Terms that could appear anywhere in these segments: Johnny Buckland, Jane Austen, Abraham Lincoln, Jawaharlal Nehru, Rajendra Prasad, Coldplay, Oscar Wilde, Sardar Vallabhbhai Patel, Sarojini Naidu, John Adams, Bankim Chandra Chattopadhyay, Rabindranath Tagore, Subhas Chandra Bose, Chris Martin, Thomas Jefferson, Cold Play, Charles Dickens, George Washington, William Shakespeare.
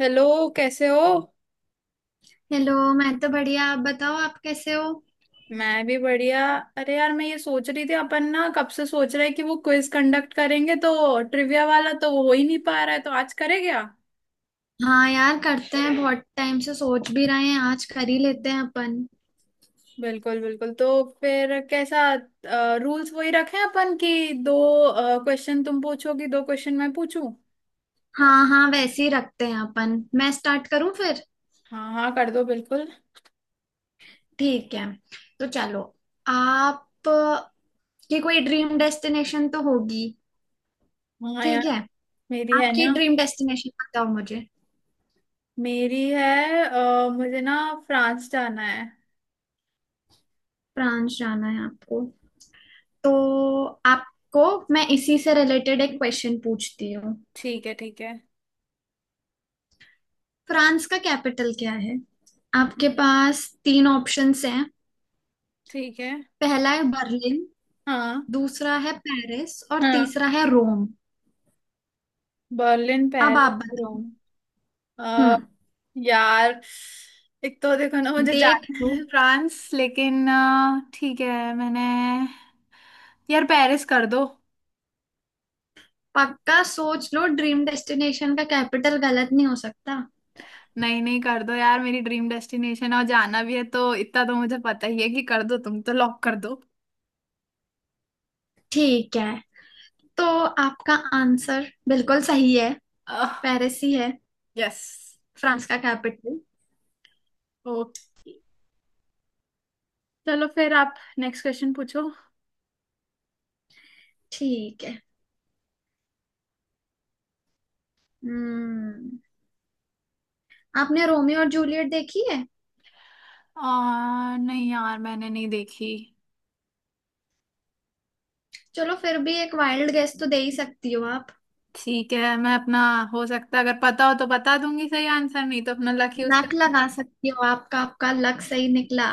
Hello. कैसे हो? Hello. मैं तो बढ़िया, आप बताओ, आप कैसे हो? मैं भी बढ़िया। अरे यार, मैं ये सोच रही थी, अपन ना कब से सोच रहे हैं कि वो क्विज कंडक्ट करेंगे, तो ट्रिविया वाला तो वो हो ही नहीं पा रहा है, तो आज करे क्या? हाँ यार, करते हैं, बहुत टाइम से सोच भी रहे हैं, आज कर ही लेते हैं अपन। बिल्कुल बिल्कुल। तो फिर कैसा? रूल्स वही रखें अपन कि दो क्वेश्चन तुम पूछोगी, दो क्वेश्चन मैं पूछूं। हाँ हाँ, वैसे ही रखते हैं अपन। मैं स्टार्ट करूं फिर? हाँ हाँ, कर दो, बिल्कुल। ठीक है, तो चलो। आप की कोई ड्रीम डेस्टिनेशन तो होगी। हाँ यार। ठीक है, मेरी है आपकी ना। ड्रीम डेस्टिनेशन बताओ मुझे। मेरी है, मुझे ना फ्रांस जाना है। फ्रांस जाना है आपको? तो आपको मैं इसी से रिलेटेड एक क्वेश्चन पूछती हूँ। ठीक है, ठीक है। फ्रांस का कैपिटल क्या है? आपके पास तीन ऑप्शंस हैं। ठीक है। पहला है बर्लिन, हाँ दूसरा है पेरिस और हाँ। तीसरा है रोम। बर्लिन, अब पेरिस, आप बताओ। रोम। अ, हम्म। यार, एक तो देखो ना, मुझे देख जाना लो, है फ्रांस, लेकिन ठीक है, मैंने... यार पेरिस कर दो। पक्का सोच लो, ड्रीम डेस्टिनेशन का कैपिटल गलत नहीं हो सकता। नहीं नहीं, कर दो यार, मेरी ड्रीम डेस्टिनेशन है और जाना भी है, तो इतना तो मुझे पता ही है कि कर दो, तुम तो लॉक कर दो। ठीक है, तो आपका आंसर बिल्कुल सही है, पेरिस ही है यस। फ्रांस का कैपिटल। ओके। चलो फिर आप नेक्स्ट क्वेश्चन पूछो। ठीक है। हम्म। आपने रोमियो और जूलियट देखी है? नहीं यार, मैंने नहीं देखी। चलो फिर भी एक वाइल्ड गेस तो दे ही सकती हो आप। ठीक है, मैं अपना... हो सकता है अगर पता हो तो बता दूंगी सही आंसर, नहीं तो अपना लक यूज लक कर। लगा सकती हो, आपका आपका लक सही निकला,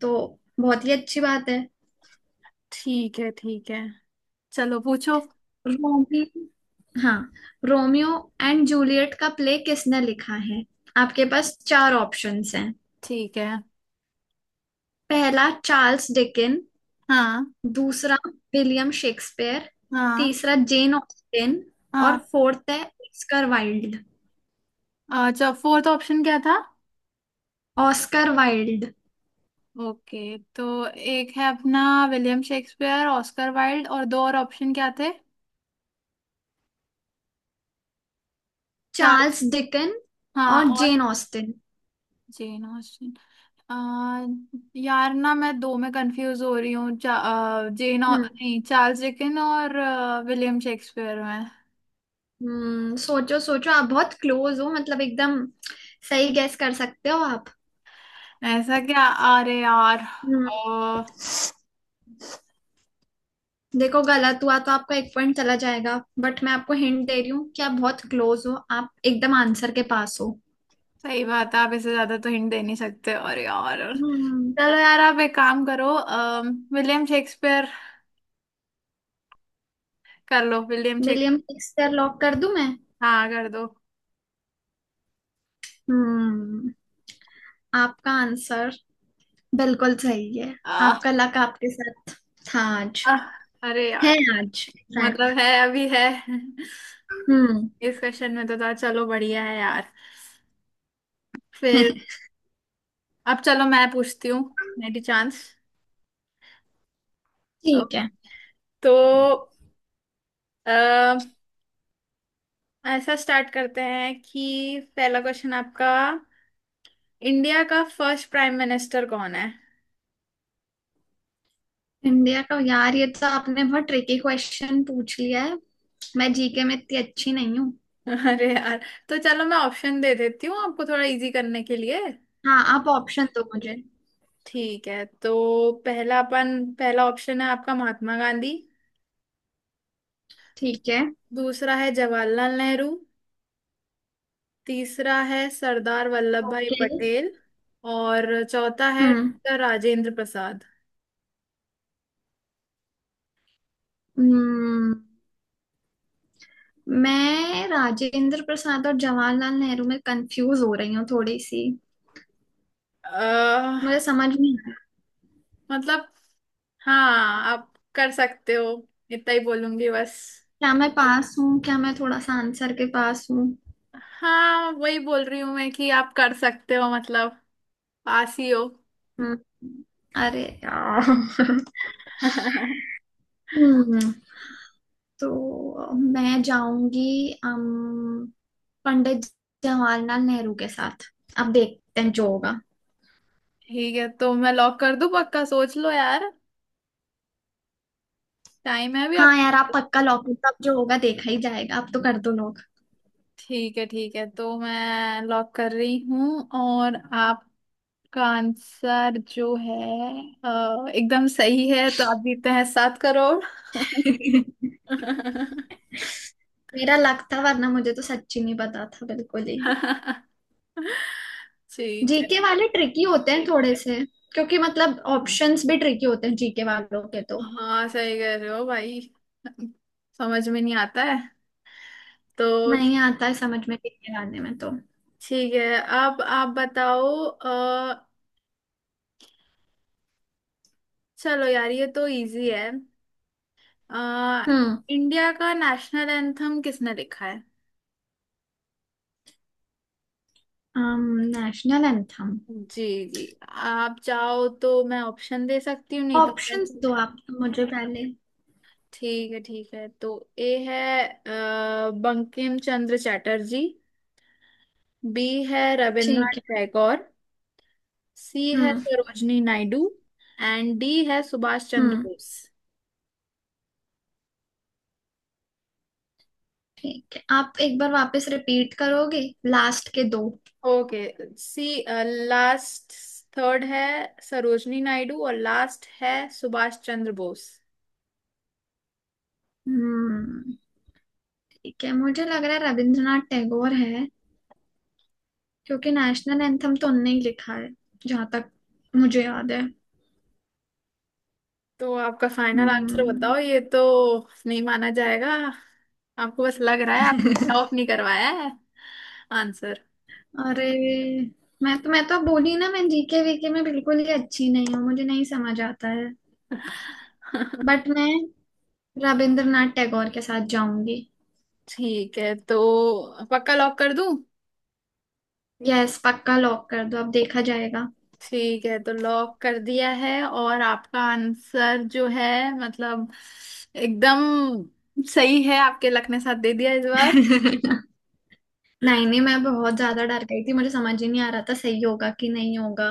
तो बहुत ही अच्छी बात है। ठीक है, ठीक है। चलो पूछो। रोमी, हाँ, रोमियो एंड जूलियट का प्ले किसने लिखा है? आपके पास चार ऑप्शंस हैं। ठीक है। पहला चार्ल्स डिकिन, हाँ। दूसरा विलियम शेक्सपियर, हाँ। तीसरा जेन ऑस्टिन और हाँ। फोर्थ है ऑस्कर वाइल्ड। अच्छा, फोर्थ ऑप्शन क्या था? ऑस्कर वाइल्ड, ओके, तो एक है अपना विलियम शेक्सपियर, ऑस्कर वाइल्ड, और दो और ऑप्शन क्या थे? चार? चार्ल्स डिकिन हाँ, और और? Jane Austen. Jane Austen. आ, यार ना, मैं दो में कंफ्यूज हो रही हूँ, चा, आ, जेन ऑ- हम्म। नहीं, चार्ल्स डिकन और विलियम शेक्सपियर में। सोचो सोचो, आप बहुत क्लोज हो, मतलब एकदम सही गैस कर सकते हो आप। ऐसा क्या? अरे यार। हम्म, देखो, गलत हुआ तो आपका एक पॉइंट चला जाएगा, बट मैं आपको हिंट दे रही हूँ कि आप बहुत क्लोज हो, आप एकदम आंसर के पास हो। सही बात है, आप इससे ज्यादा तो हिंट दे नहीं सकते, और यार... हम्म। चलो यार, आप एक काम करो, विलियम शेक्सपियर कर लो। विलियम शेक्स... विलियम शेक्सपियर लॉक कर दूं मैं? हाँ कर दो। हम्म। आपका आंसर बिल्कुल सही है, आ, आपका लक आपके साथ था आज, आ, अरे है यार। आज इनफैक्ट। मतलब है, अभी है। हम्म। इस क्वेश्चन में तो था, चलो बढ़िया है यार। फिर... अब चलो, मैं पूछती हूँ। मेरी चांस। ठीक है। ओके। तो अ, ऐसा स्टार्ट करते हैं कि पहला क्वेश्चन आपका — इंडिया का फर्स्ट प्राइम मिनिस्टर कौन है? इंडिया का? यार, ये तो आपने बहुत ट्रिकी क्वेश्चन पूछ लिया है, मैं जीके में इतनी अच्छी नहीं हूँ। अरे यार। तो चलो, मैं ऑप्शन दे देती हूँ आपको थोड़ा इजी करने के लिए। हाँ आप ऑप्शन दो मुझे। ठीक है, तो पहला अपन पहला ऑप्शन है आपका महात्मा गांधी, ठीक है। दूसरा है जवाहरलाल नेहरू, तीसरा है सरदार वल्लभ भाई ओके। पटेल, और चौथा है हम्म। डॉक्टर राजेंद्र प्रसाद। हम्म। मैं राजेंद्र प्रसाद और जवाहरलाल नेहरू में कंफ्यूज हो रही हूँ थोड़ी सी, मुझे अह। समझ नहीं आ रहा। मतलब... हाँ, आप कर सकते हो, इतना ही बोलूंगी बस। क्या मैं पास हूँ? क्या मैं थोड़ा सा आंसर के पास हूँ? हाँ, वही बोल रही हूँ मैं कि आप कर सकते हो, मतलब पास ही हो। हम्म, अरे यार। हम्म। तो मैं जाऊंगी अम, पंडित जवाहरलाल नेहरू के साथ, अब देखते हैं जो होगा। ठीक है, तो मैं लॉक कर दूं? पक्का सोच लो यार, टाइम है अभी हाँ आपके। यार, आप पक्का लॉक, अब जो होगा देखा ही जाएगा, अब तो कर दो लोग। ठीक है, ठीक है, तो मैं लॉक कर रही हूँ, और आपका आंसर जो है, एकदम सही है, तो आप जीते हैं 7 करोड़। मेरा लक था, वरना मुझे तो सच्ची नहीं पता था बिल्कुल ही। ठीक है। जीके वाले ट्रिकी होते हैं थोड़े से, क्योंकि मतलब ऑप्शंस भी ट्रिकी होते हैं जीके वालों के तो। हाँ, सही कह रहे हो भाई। समझ में नहीं आता है तो। नहीं आता है समझ में जीके वाले में तो। ठीक है, अब आप बताओ। चलो यार, ये तो इजी है। आ, हम्म। इंडिया का नेशनल एंथम किसने लिखा है? National anthem. जी। जी, आप चाहो तो मैं ऑप्शन दे सकती हूँ, नहीं तो ऑप्शंस वैसे... दो आप तो मुझे पहले। ठीक है, ठीक है, तो ए है बंकिम चंद्र चटर्जी, बी है रविन्द्रनाथ ठीक है। टैगोर, सी है हम्म। सरोजनी नायडू, एंड डी है सुभाष चंद्र हम्म। बोस। ठीक है, आप एक बार वापस रिपीट करोगे लास्ट के दो? ओके। सी... लास्ट... थर्ड है सरोजनी नायडू और लास्ट है सुभाष चंद्र बोस। हम्म। ठीक है, मुझे लग रहा है रविंद्रनाथ टैगोर है, क्योंकि नेशनल एंथम तो उनने ही लिखा है जहां तक मुझे याद है। तो आपका फाइनल आंसर बताओ, हम्म। ये तो नहीं माना जाएगा। आपको बस लग रहा है, आपने टॉप नहीं करवाया है। आंसर? अरे, मैं तो बोली ना, मैं जीके वीके में बिल्कुल ही अच्छी नहीं हूँ, मुझे नहीं समझ आता है। बट मैं रविंद्रनाथ टैगोर के साथ जाऊंगी। ठीक है, तो पक्का लॉक कर दूं? यस, पक्का लॉक कर दो, अब देखा जाएगा। ठीक है, तो लॉक कर दिया है, और आपका आंसर जो है, मतलब एकदम सही है। आपके लक ने साथ दे दिया इस बार। नहीं नहीं, मैं बहुत ज्यादा डर गई थी, मुझे समझ ही नहीं आ रहा था सही होगा कि नहीं होगा।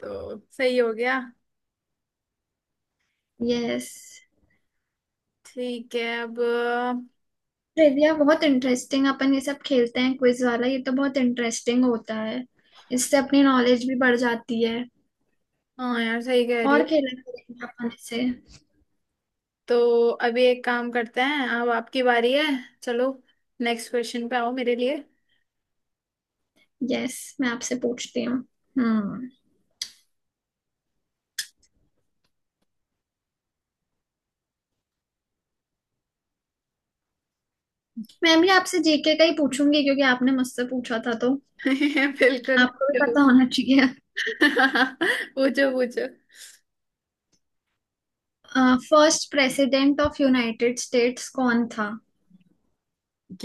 तो सही हो गया। यस। ठीक है, अब... ट्रिविया बहुत इंटरेस्टिंग, अपन ये सब खेलते हैं क्विज वाला, ये तो बहुत इंटरेस्टिंग होता है, इससे अपनी नॉलेज भी बढ़ जाती है। हाँ यार, सही कह रही हो। और खेला करेंगे अपन इसे। तो अभी एक काम करते हैं, अब आपकी बारी है। चलो, नेक्स्ट क्वेश्चन पे आओ मेरे लिए। यस, मैं आपसे पूछती हूँ। हम्म। मैं भी आपसे जीके का ही पूछूंगी, क्योंकि आपने मुझसे पूछा था, तो बिल्कुल। आपको भी बिल्कुल। पता होना चाहिए। पूछो, पूछो। First president of United States कौन था?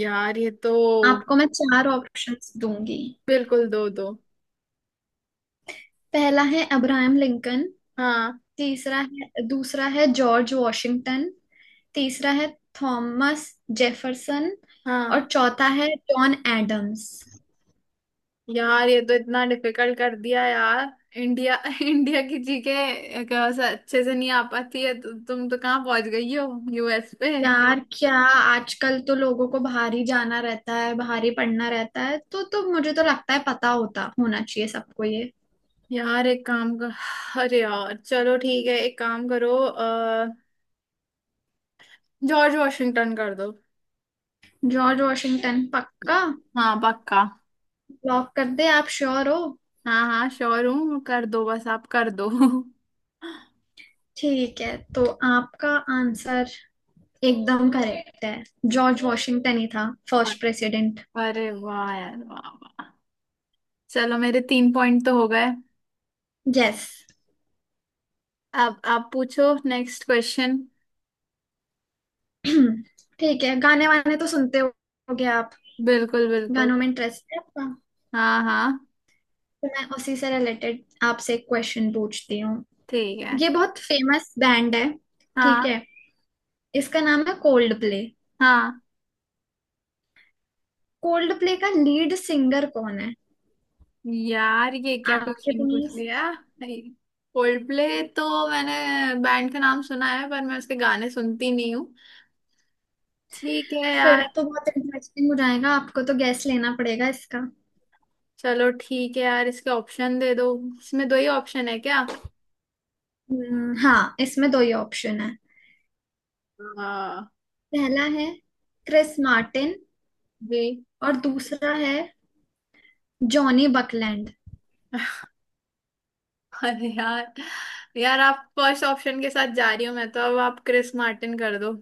यार ये तो... आपको मैं चार ऑप्शंस दूंगी। बिल्कुल, दो दो। पहला है अब्राहम लिंकन, हाँ। तीसरा है दूसरा है जॉर्ज वॉशिंगटन, तीसरा है थॉमस जेफरसन हाँ। और चौथा है जॉन एडम्स। यार ये तो इतना डिफिकल्ट कर दिया यार। इंडिया इंडिया की जीके अच्छे से नहीं आ पाती है, तो तुम तो कहाँ पहुंच गई हो, यूएस पे। यार क्या, आजकल तो लोगों को बाहर ही जाना रहता है, बाहर ही पढ़ना रहता है, तो मुझे तो लगता है पता होता होना चाहिए सबको ये। यार, एक काम कर। अरे यार, चलो ठीक है, एक काम करो, जॉर्ज वॉशिंगटन कर दो। जॉर्ज वॉशिंगटन पक्का हाँ, पक्का। लॉक कर दे? आप श्योर हो? हाँ हाँ, श्योर हूँ, कर दो बस, आप कर दो। ठीक है, तो आपका आंसर एकदम करेक्ट है, जॉर्ज वॉशिंगटन ही था फर्स्ट प्रेसिडेंट। अरे वाह यार, वाह वाह। चलो, मेरे 3 पॉइंट तो हो गए। यस। अब आप पूछो नेक्स्ट क्वेश्चन। ठीक है, गाने वाने तो सुनते होगे आप? बिल्कुल बिल्कुल। गानों में इंटरेस्ट है आपका? हाँ हाँ। तो मैं उसी से रिलेटेड आपसे एक क्वेश्चन पूछती हूँ। ठीक है। ये बहुत फेमस बैंड है, ठीक हाँ है, इसका नाम है कोल्ड प्ले। हाँ। कोल्ड प्ले का लीड सिंगर कौन है? यार, ये क्या आपके क्वेश्चन पूछ पास, लिया? Coldplay? तो मैंने बैंड का नाम सुना है, पर मैं उसके गाने सुनती नहीं हूँ। ठीक है फिर यार। तो बहुत इंटरेस्टिंग हो जाएगा, आपको तो गैस लेना पड़ेगा इसका। चलो ठीक है यार, इसके ऑप्शन दे दो। इसमें दो ही ऑप्शन है क्या? हाँ, इसमें दो ही ऑप्शन है। हाँ। पहला है क्रिस मार्टिन जी। और दूसरा है जॉनी बकलैंड। अरे यार। यार, आप फर्स्ट ऑप्शन के साथ जा रही हो, मैं तो... अब आप क्रिस मार्टिन कर दो।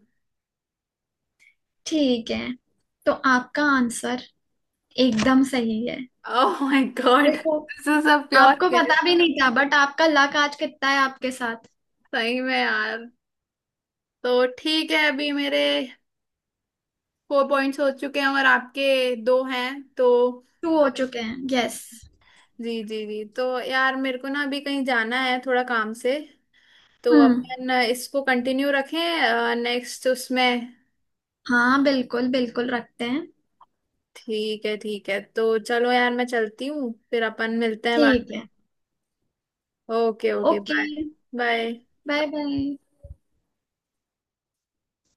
ठीक है, तो आपका आंसर एकदम सही है। ओह माय गॉड, देखो, दिस इज अ प्योर आपको गेस। पता भी नहीं था, बट आपका लक आज कितना है आपके साथ। सही में यार। तो ठीक है, अभी मेरे 4 पॉइंट्स हो चुके हैं और आपके दो हैं, तो... टू हो चुके हैं, यस। जी जी जी, तो यार, मेरे को ना अभी कहीं जाना है थोड़ा काम से, तो हम्म। अपन इसको कंटिन्यू रखें, नेक्स्ट उसमें। हाँ, बिल्कुल बिल्कुल रखते हैं। ठीक है, ठीक है, तो चलो यार, मैं चलती हूँ, फिर अपन मिलते हैं बाद। ठीक है। Okay. Okay, okay, bye. Bye. Bye. Bye.